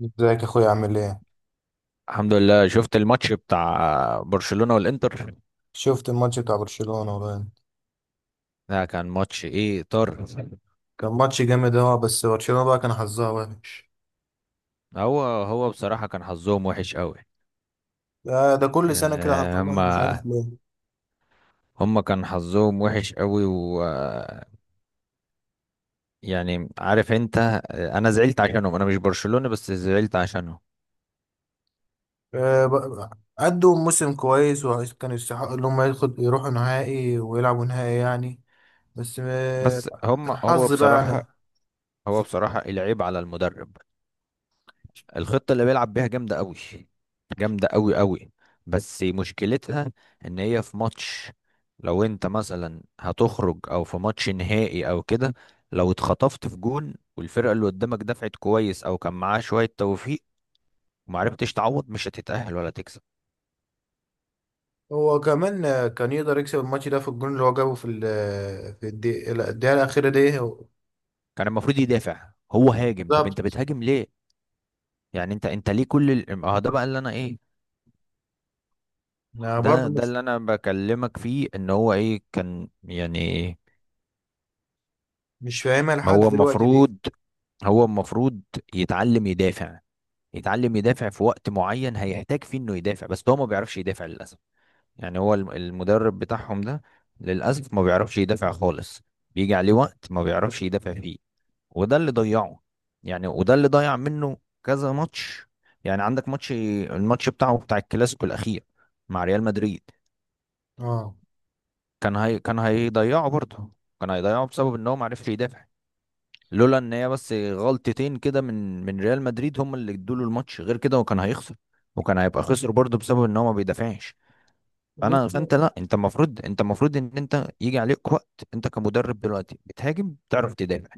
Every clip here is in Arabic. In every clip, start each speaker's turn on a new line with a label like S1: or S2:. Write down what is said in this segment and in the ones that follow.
S1: ازيك يا اخويا عامل ايه؟
S2: الحمد لله، شفت الماتش بتاع برشلونة والإنتر.
S1: شفت الماتش بتاع برشلونة والله.
S2: ده كان ماتش ايه طار.
S1: كان ماتش جامد، بس برشلونة بقى كان حظها وحش.
S2: هو بصراحة كان حظهم وحش قوي.
S1: ده كل سنة
S2: يعني
S1: كده حظها وحش، مش
S2: هما
S1: عارف ليه.
S2: هما كان حظهم وحش قوي و... يعني عارف انت، انا زعلت عشانهم، انا مش برشلونة بس زعلت عشانهم.
S1: أدوا موسم كويس وكانوا يستحقوا إن هم ياخد يروحوا نهائي ويلعبوا نهائي يعني. بس آه،
S2: بس هما هو
S1: الحظ بقى
S2: بصراحة،
S1: يعني.
S2: هو بصراحة العيب على المدرب. الخطة اللي بيلعب بيها جامدة قوي، جامدة قوي قوي. بس مشكلتها ان هي في ماتش، لو انت مثلا هتخرج او في ماتش نهائي او كده، لو اتخطفت في جون والفرقة اللي قدامك دفعت كويس او كان معاه شوية توفيق ومعرفتش تعوض، مش هتتأهل ولا تكسب.
S1: هو كمان كان يقدر يكسب الماتش ده في الجون اللي هو جابه في الدقيقة، لا، الدقيقة الأخيرة دي.
S2: كان المفروض يدافع، هو هاجم. طب انت
S1: بالظبط.
S2: بتهاجم ليه؟ يعني انت ليه كل ال... اه ده بقى اللي انا ايه،
S1: أنا برضه
S2: ده اللي انا بكلمك فيه ان هو ايه كان يعني.
S1: مش فاهمها
S2: ما
S1: لحد
S2: هو
S1: دلوقتي دي.
S2: المفروض، هو المفروض يتعلم يدافع. يتعلم يدافع في وقت معين هيحتاج فيه انه يدافع، بس هو ما بيعرفش يدافع للاسف. يعني هو المدرب بتاعهم ده للاسف ما بيعرفش يدافع خالص. بيجي عليه وقت ما بيعرفش يدافع فيه، وده اللي ضيعه. يعني وده اللي ضيع منه كذا ماتش. يعني عندك ماتش، الماتش بتاعه بتاع الكلاسيكو الاخير مع ريال مدريد.
S1: اه.
S2: كان هي كان هيضيعه برضه، كان هيضيعه بسبب ان هو ما عرفش يدافع. لولا ان هي بس غلطتين كده من ريال مدريد هم اللي ادوا له الماتش، غير كده وكان هيخسر. وكان هيبقى خسر برضه بسبب ان هو ما بيدافعش.
S1: بص،
S2: فانت لا، انت المفروض، انت المفروض ان انت يجي عليك وقت انت كمدرب دلوقتي بتهاجم تعرف تدافع.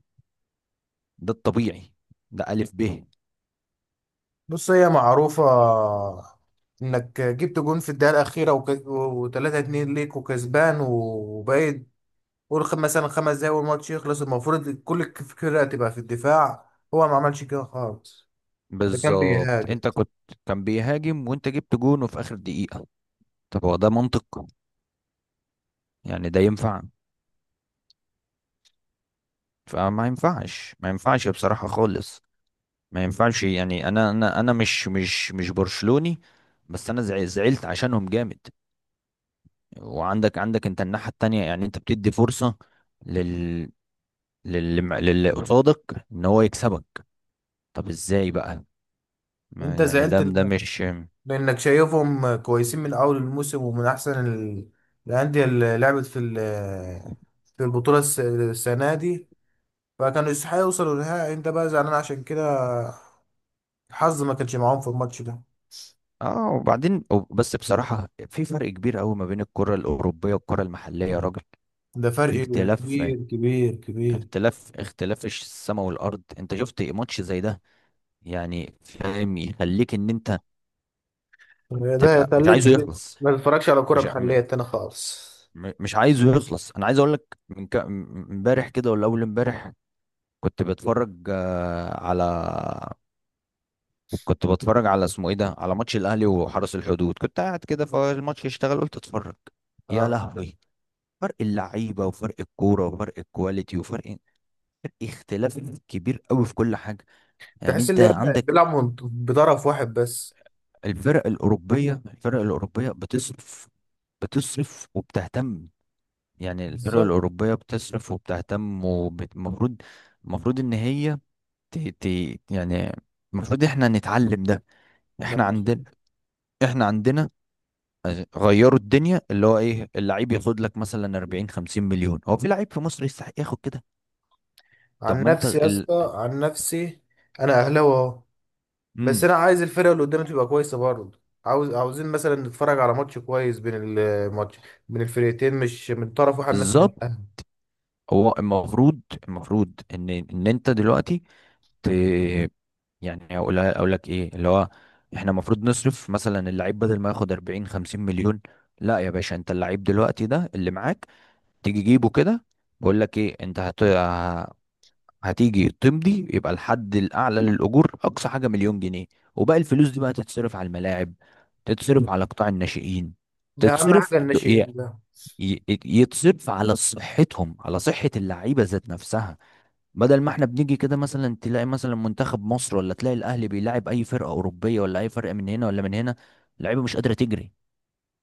S2: ده الطبيعي، ده الف ب.
S1: هي معروفة، انك جبت جون في الدقيقة الأخيرة وتلاتة اتنين ليك وكسبان وباقي، قول مثلا خمس دقايق والماتش يخلص، المفروض كل الفكرة تبقى في الدفاع، هو ما عملش كده خالص. ده كان
S2: بالظبط
S1: بيهاجم.
S2: انت كنت، كان بيهاجم وانت جبت جون وفي اخر دقيقة. طب هو ده منطق؟ يعني ده ينفع؟ فما ينفعش، ما ينفعش بصراحة خالص ما ينفعش. يعني انا مش برشلوني، بس انا زعلت عشانهم جامد. وعندك انت الناحية التانية. يعني انت بتدي فرصة لل لل للي قصادك ان هو يكسبك. طب ازاي بقى؟
S1: انت
S2: ما يعني ده ده مش...
S1: لأنك شايفهم كويسين من أول الموسم ومن أحسن الأندية اللي لعبت في البطولة السنة دي، فكانوا يستحقوا يوصلوا للنهائي. انت بقى زعلان عشان كده الحظ ما كانش معاهم في الماتش ده.
S2: اه وبعدين، بس بصراحة في فرق كبير قوي ما بين الكرة الأوروبية والكرة المحلية يا راجل.
S1: ده فرق
S2: في اختلاف،
S1: كبير كبير كبير.
S2: اختلاف السماء والأرض. انت شفت ماتش زي ده، يعني فاهم، يخليك ان انت
S1: ده
S2: تبقى مش
S1: يخليك
S2: عايزه يخلص.
S1: ما تتفرجش على كرة
S2: مش
S1: محلية
S2: م-
S1: تاني خالص.
S2: م- مش عايزه يخلص. انا عايز اقول لك من امبارح كده ولا اول امبارح كنت بتفرج على، كنت بتفرج على اسمه ايه ده، على ماتش الاهلي وحرس الحدود. كنت قاعد كده فالماتش يشتغل، قلت اتفرج. يا
S1: اه.
S2: لهوي، فرق اللعيبه وفرق الكوره وفرق الكواليتي وفرق، اختلاف كبير قوي في كل حاجه. يعني
S1: تحس
S2: انت
S1: ان هي
S2: عندك
S1: بيلعب بطرف واحد بس.
S2: الفرق الاوروبيه بتصرف، بتصرف وبتهتم. يعني الفرق
S1: بالظبط،
S2: الأوروبية بتصرف وبتهتم، ومفروض، المفروض إن هي ت... ت... يعني المفروض إحنا نتعلم ده.
S1: ده
S2: إحنا
S1: المفروض.
S2: عندنا إحنا عندنا غيروا الدنيا. اللي هو إيه، اللعيب ياخد لك مثلا 40 50 مليون. هو في لعيب في مصر يستحق ياخد كده؟ طب
S1: عن
S2: ما أنت
S1: نفسي يا اسطى، عن نفسي انا اهلاوي اهو، بس
S2: مم.
S1: انا عايز الفرقه اللي قدامي تبقى كويسه برضه، عاوزين مثلا نتفرج على ماتش كويس بين الفرقتين، مش من طرف واحد مثلا
S2: بالظبط،
S1: الاهلي.
S2: هو المفروض، المفروض إن إن أنت دلوقتي ت... يعني اقول لك ايه اللي هو، احنا المفروض نصرف مثلا اللعيب بدل ما ياخد 40 50 مليون. لا يا باشا، انت اللعيب دلوقتي ده اللي معاك تيجي جيبه كده، بقول لك ايه، انت هتيجي تمضي يبقى الحد الاعلى للاجور اقصى حاجه مليون جنيه. وباقي الفلوس دي بقى تتصرف على الملاعب، تتصرف على قطاع الناشئين،
S1: ده اهم
S2: تتصرف،
S1: حاجه
S2: ي...
S1: الناشئين ده.
S2: يتصرف على صحتهم، على صحه اللعيبه ذات نفسها. بدل ما احنا بنيجي كده مثلا تلاقي مثلا منتخب مصر ولا تلاقي الاهلي بيلاعب اي فرقه اوروبيه ولا اي فرقه من هنا ولا من هنا، اللعيبه مش قادره تجري،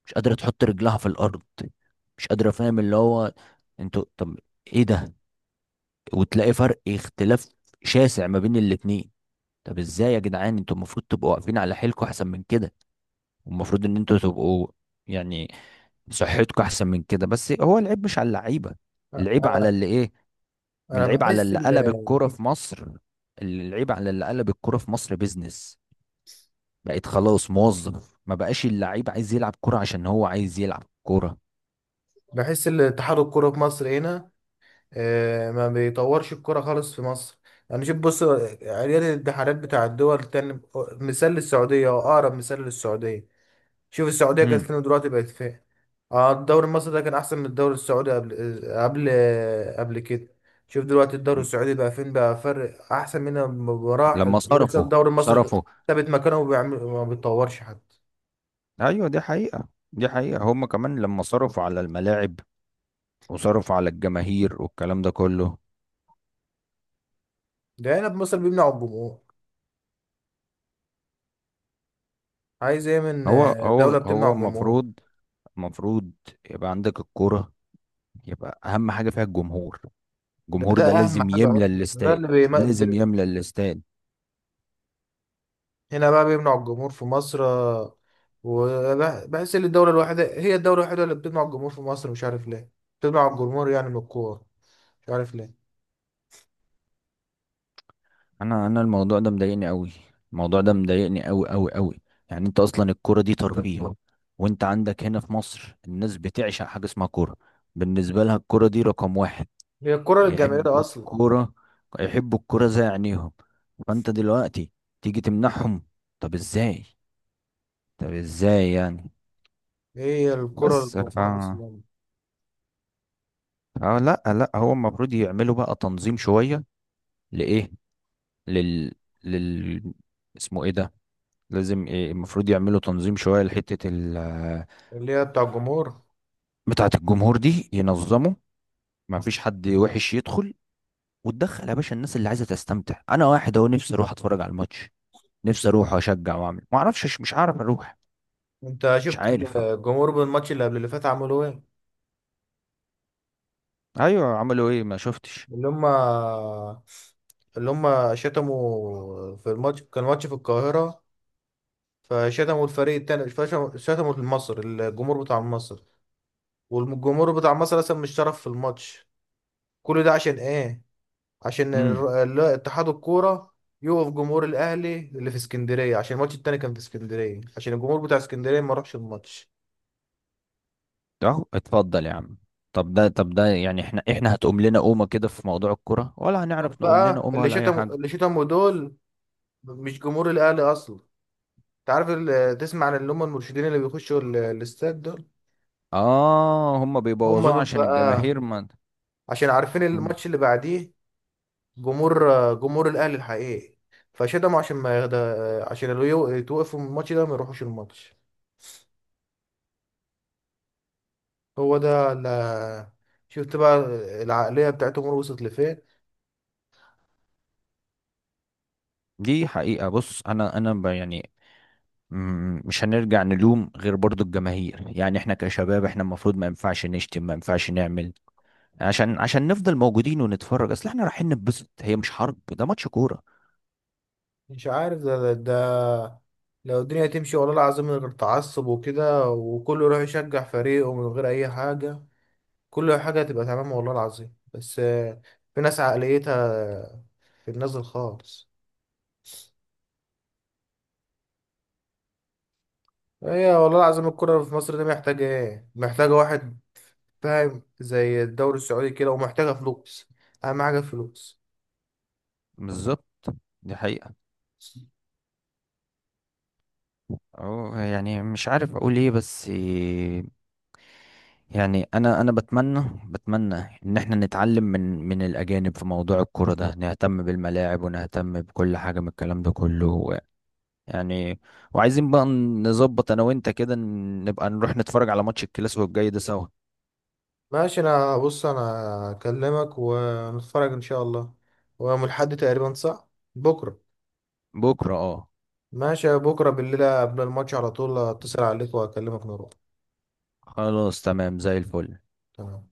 S2: مش قادره تحط رجلها في الارض، مش قادره. فاهم اللي هو، انتوا طب ايه ده؟ وتلاقي فرق اختلاف شاسع ما بين الاتنين. طب ازاي يا جدعان، انتوا المفروض تبقوا واقفين على حيلكوا احسن من كده، والمفروض ان انتوا تبقوا يعني صحتكوا احسن من كده. بس هو العيب مش على اللعيبه، العيب على
S1: انا
S2: اللي ايه،
S1: انا
S2: العيب على
S1: بحس
S2: اللي قلب الكوره في مصر، العيب على اللي قلب الكوره في مصر بيزنس. بقيت خلاص موظف، ما بقاش اللعيب عايز يلعب كوره عشان هو عايز يلعب كوره.
S1: بحس ان اتحاد الكوره في مصر هنا ما بيطورش الكرة خالص في مصر. يعني شوف، بص، عيال الانتحارات بتاع الدول التانية، مثال للسعودية أو أقرب مثال للسعودية، شوف السعودية كانت
S2: مم.
S1: فين ودلوقتي بقت فين. اه، الدوري المصري ده كان أحسن من الدوري السعودي قبل قبل كده. شوف دلوقتي الدوري السعودي بقى فين، بقى فرق أحسن منه بمراحل،
S2: لما
S1: ولسه
S2: صرفوا
S1: الدوري المصري
S2: صرفوا
S1: ثابت مكانه وبيعمل ما بيتطورش حتى.
S2: ايوه، دي حقيقة، دي حقيقة. هم كمان لما صرفوا على الملاعب وصرفوا على الجماهير والكلام ده كله.
S1: ده هنا في مصر بيمنع الجمهور. عايز ايه من
S2: هو هو
S1: دولة بتمنع
S2: هو
S1: الجمهور.
S2: المفروض، المفروض يبقى عندك الكورة، يبقى أهم حاجة فيها الجمهور.
S1: ده
S2: الجمهور ده
S1: ده أهم
S2: لازم
S1: حاجة
S2: يملى
S1: أصلا، ده
S2: الاستاد،
S1: اللي
S2: لازم يملى الاستاد.
S1: هنا بقى بيمنع الجمهور في مصر وبحس ان الدولة الوحيدة اللي بتمنع الجمهور في مصر، مش عارف ليه بتمنع الجمهور يعني من الكورة، مش عارف ليه.
S2: انا الموضوع ده مضايقني قوي، الموضوع ده مضايقني قوي قوي قوي. يعني انت اصلا الكوره دي ترفيه، وانت عندك هنا في مصر الناس بتعشق حاجه اسمها كوره. بالنسبه لها الكوره دي رقم واحد،
S1: هي الكرة للجماهير
S2: يحبوا
S1: أصلا.
S2: الكوره، يحبوا الكوره زي عينيهم. فانت دلوقتي تيجي تمنعهم؟ طب ازاي؟ طب ازاي يعني؟
S1: هي الكرة
S2: بس
S1: للجمهور أصلا.
S2: اه لا لا هو المفروض يعملوا بقى تنظيم شويه. لايه لل لل اسمه ايه ده، لازم إيه المفروض يعملوا تنظيم شوية
S1: اللي هي بتاع الجمهور.
S2: بتاعة الجمهور دي، ينظموا ما فيش حد وحش يدخل، وتدخل يا باشا الناس اللي عايزة تستمتع. أنا واحد أهو، نفسي أروح أتفرج على الماتش، نفسي أروح وأشجع وأعمل، ما أعرفش، مش عارف أروح،
S1: أنت
S2: مش
S1: شفت
S2: عارف.
S1: الجمهور بالماتش اللي قبل اللي فات عملوا إيه؟
S2: أيوه عملوا إيه؟ ما شفتش.
S1: اللي هما، اللي هما شتموا في الماتش، كان ماتش في القاهرة، فشتموا الفريق التاني، شتموا المصر، الجمهور بتاع مصر، والجمهور بتاع مصر اصلا مش شرف في الماتش. كل ده عشان ايه؟ عشان
S2: امم
S1: اتحاد الكوره يوقف جمهور الاهلي اللي في اسكندريه، عشان الماتش التاني كان في اسكندريه، عشان الجمهور بتاع اسكندريه ما راحش الماتش.
S2: أهو اتفضل يا عم. طب ده، طب ده يعني، احنا هتقوم لنا قومة كده في موضوع الكرة ولا
S1: دول
S2: هنعرف نقوم لنا
S1: بقى
S2: قومة
S1: اللي
S2: ولا أي
S1: شتموا،
S2: حاجة؟
S1: دول مش جمهور الاهلي اصلا. انت عارف تسمع عن اللي هم المرشدين اللي بيخشوا الاستاد دول؟
S2: آه، هما
S1: هم
S2: بيبوظوه
S1: دول
S2: عشان
S1: بقى،
S2: الجماهير ما.
S1: عشان عارفين
S2: مم.
S1: الماتش اللي بعديه جمهور، الاهلي الحقيقي، فشتموا عشان ما يغدا، عشان اللي يتوقفوا من الماتش ده ما يروحوش الماتش. هو ده، أنا شفت بقى العقلية بتاعتهم وصلت لفين.
S2: دي حقيقة. بص يعني مش هنرجع نلوم غير برضو الجماهير. يعني احنا كشباب، احنا المفروض ما ينفعش نشتم، ما ينفعش نعمل، عشان، عشان نفضل موجودين ونتفرج. اصل احنا رايحين نتبسط، هي مش حرب، ده ماتش كورة.
S1: مش عارف، ده, ده, ده لو الدنيا تمشي والله العظيم من غير تعصب وكده، وكله يروح يشجع فريقه من غير أي حاجة، كل حاجة هتبقى تمام والله العظيم. بس في ناس عقليتها في النازل خالص. هي والله العظيم الكرة في مصر دي محتاجة ايه؟ محتاجة واحد فاهم زي الدوري السعودي كده، ومحتاجة فلوس، أهم حاجة فلوس.
S2: بالظبط، دي حقيقة. اه يعني مش عارف اقول ايه، بس يعني انا بتمنى، بتمنى ان احنا نتعلم من الاجانب في موضوع الكورة ده، نهتم بالملاعب ونهتم بكل حاجة من الكلام ده كله. يعني وعايزين بقى نظبط انا وانت كده، نبقى نروح نتفرج على ماتش الكلاسيكو الجاي ده سوا.
S1: ماشي. انا بص انا اكلمك ونتفرج ان شاء الله، ويوم الاحد تقريبا، صح؟ بكره.
S2: بكرة اه،
S1: ماشي، بكره بالليل قبل الماتش على طول اتصل عليك واكلمك نروح.
S2: خلاص تمام زي الفل.
S1: تمام.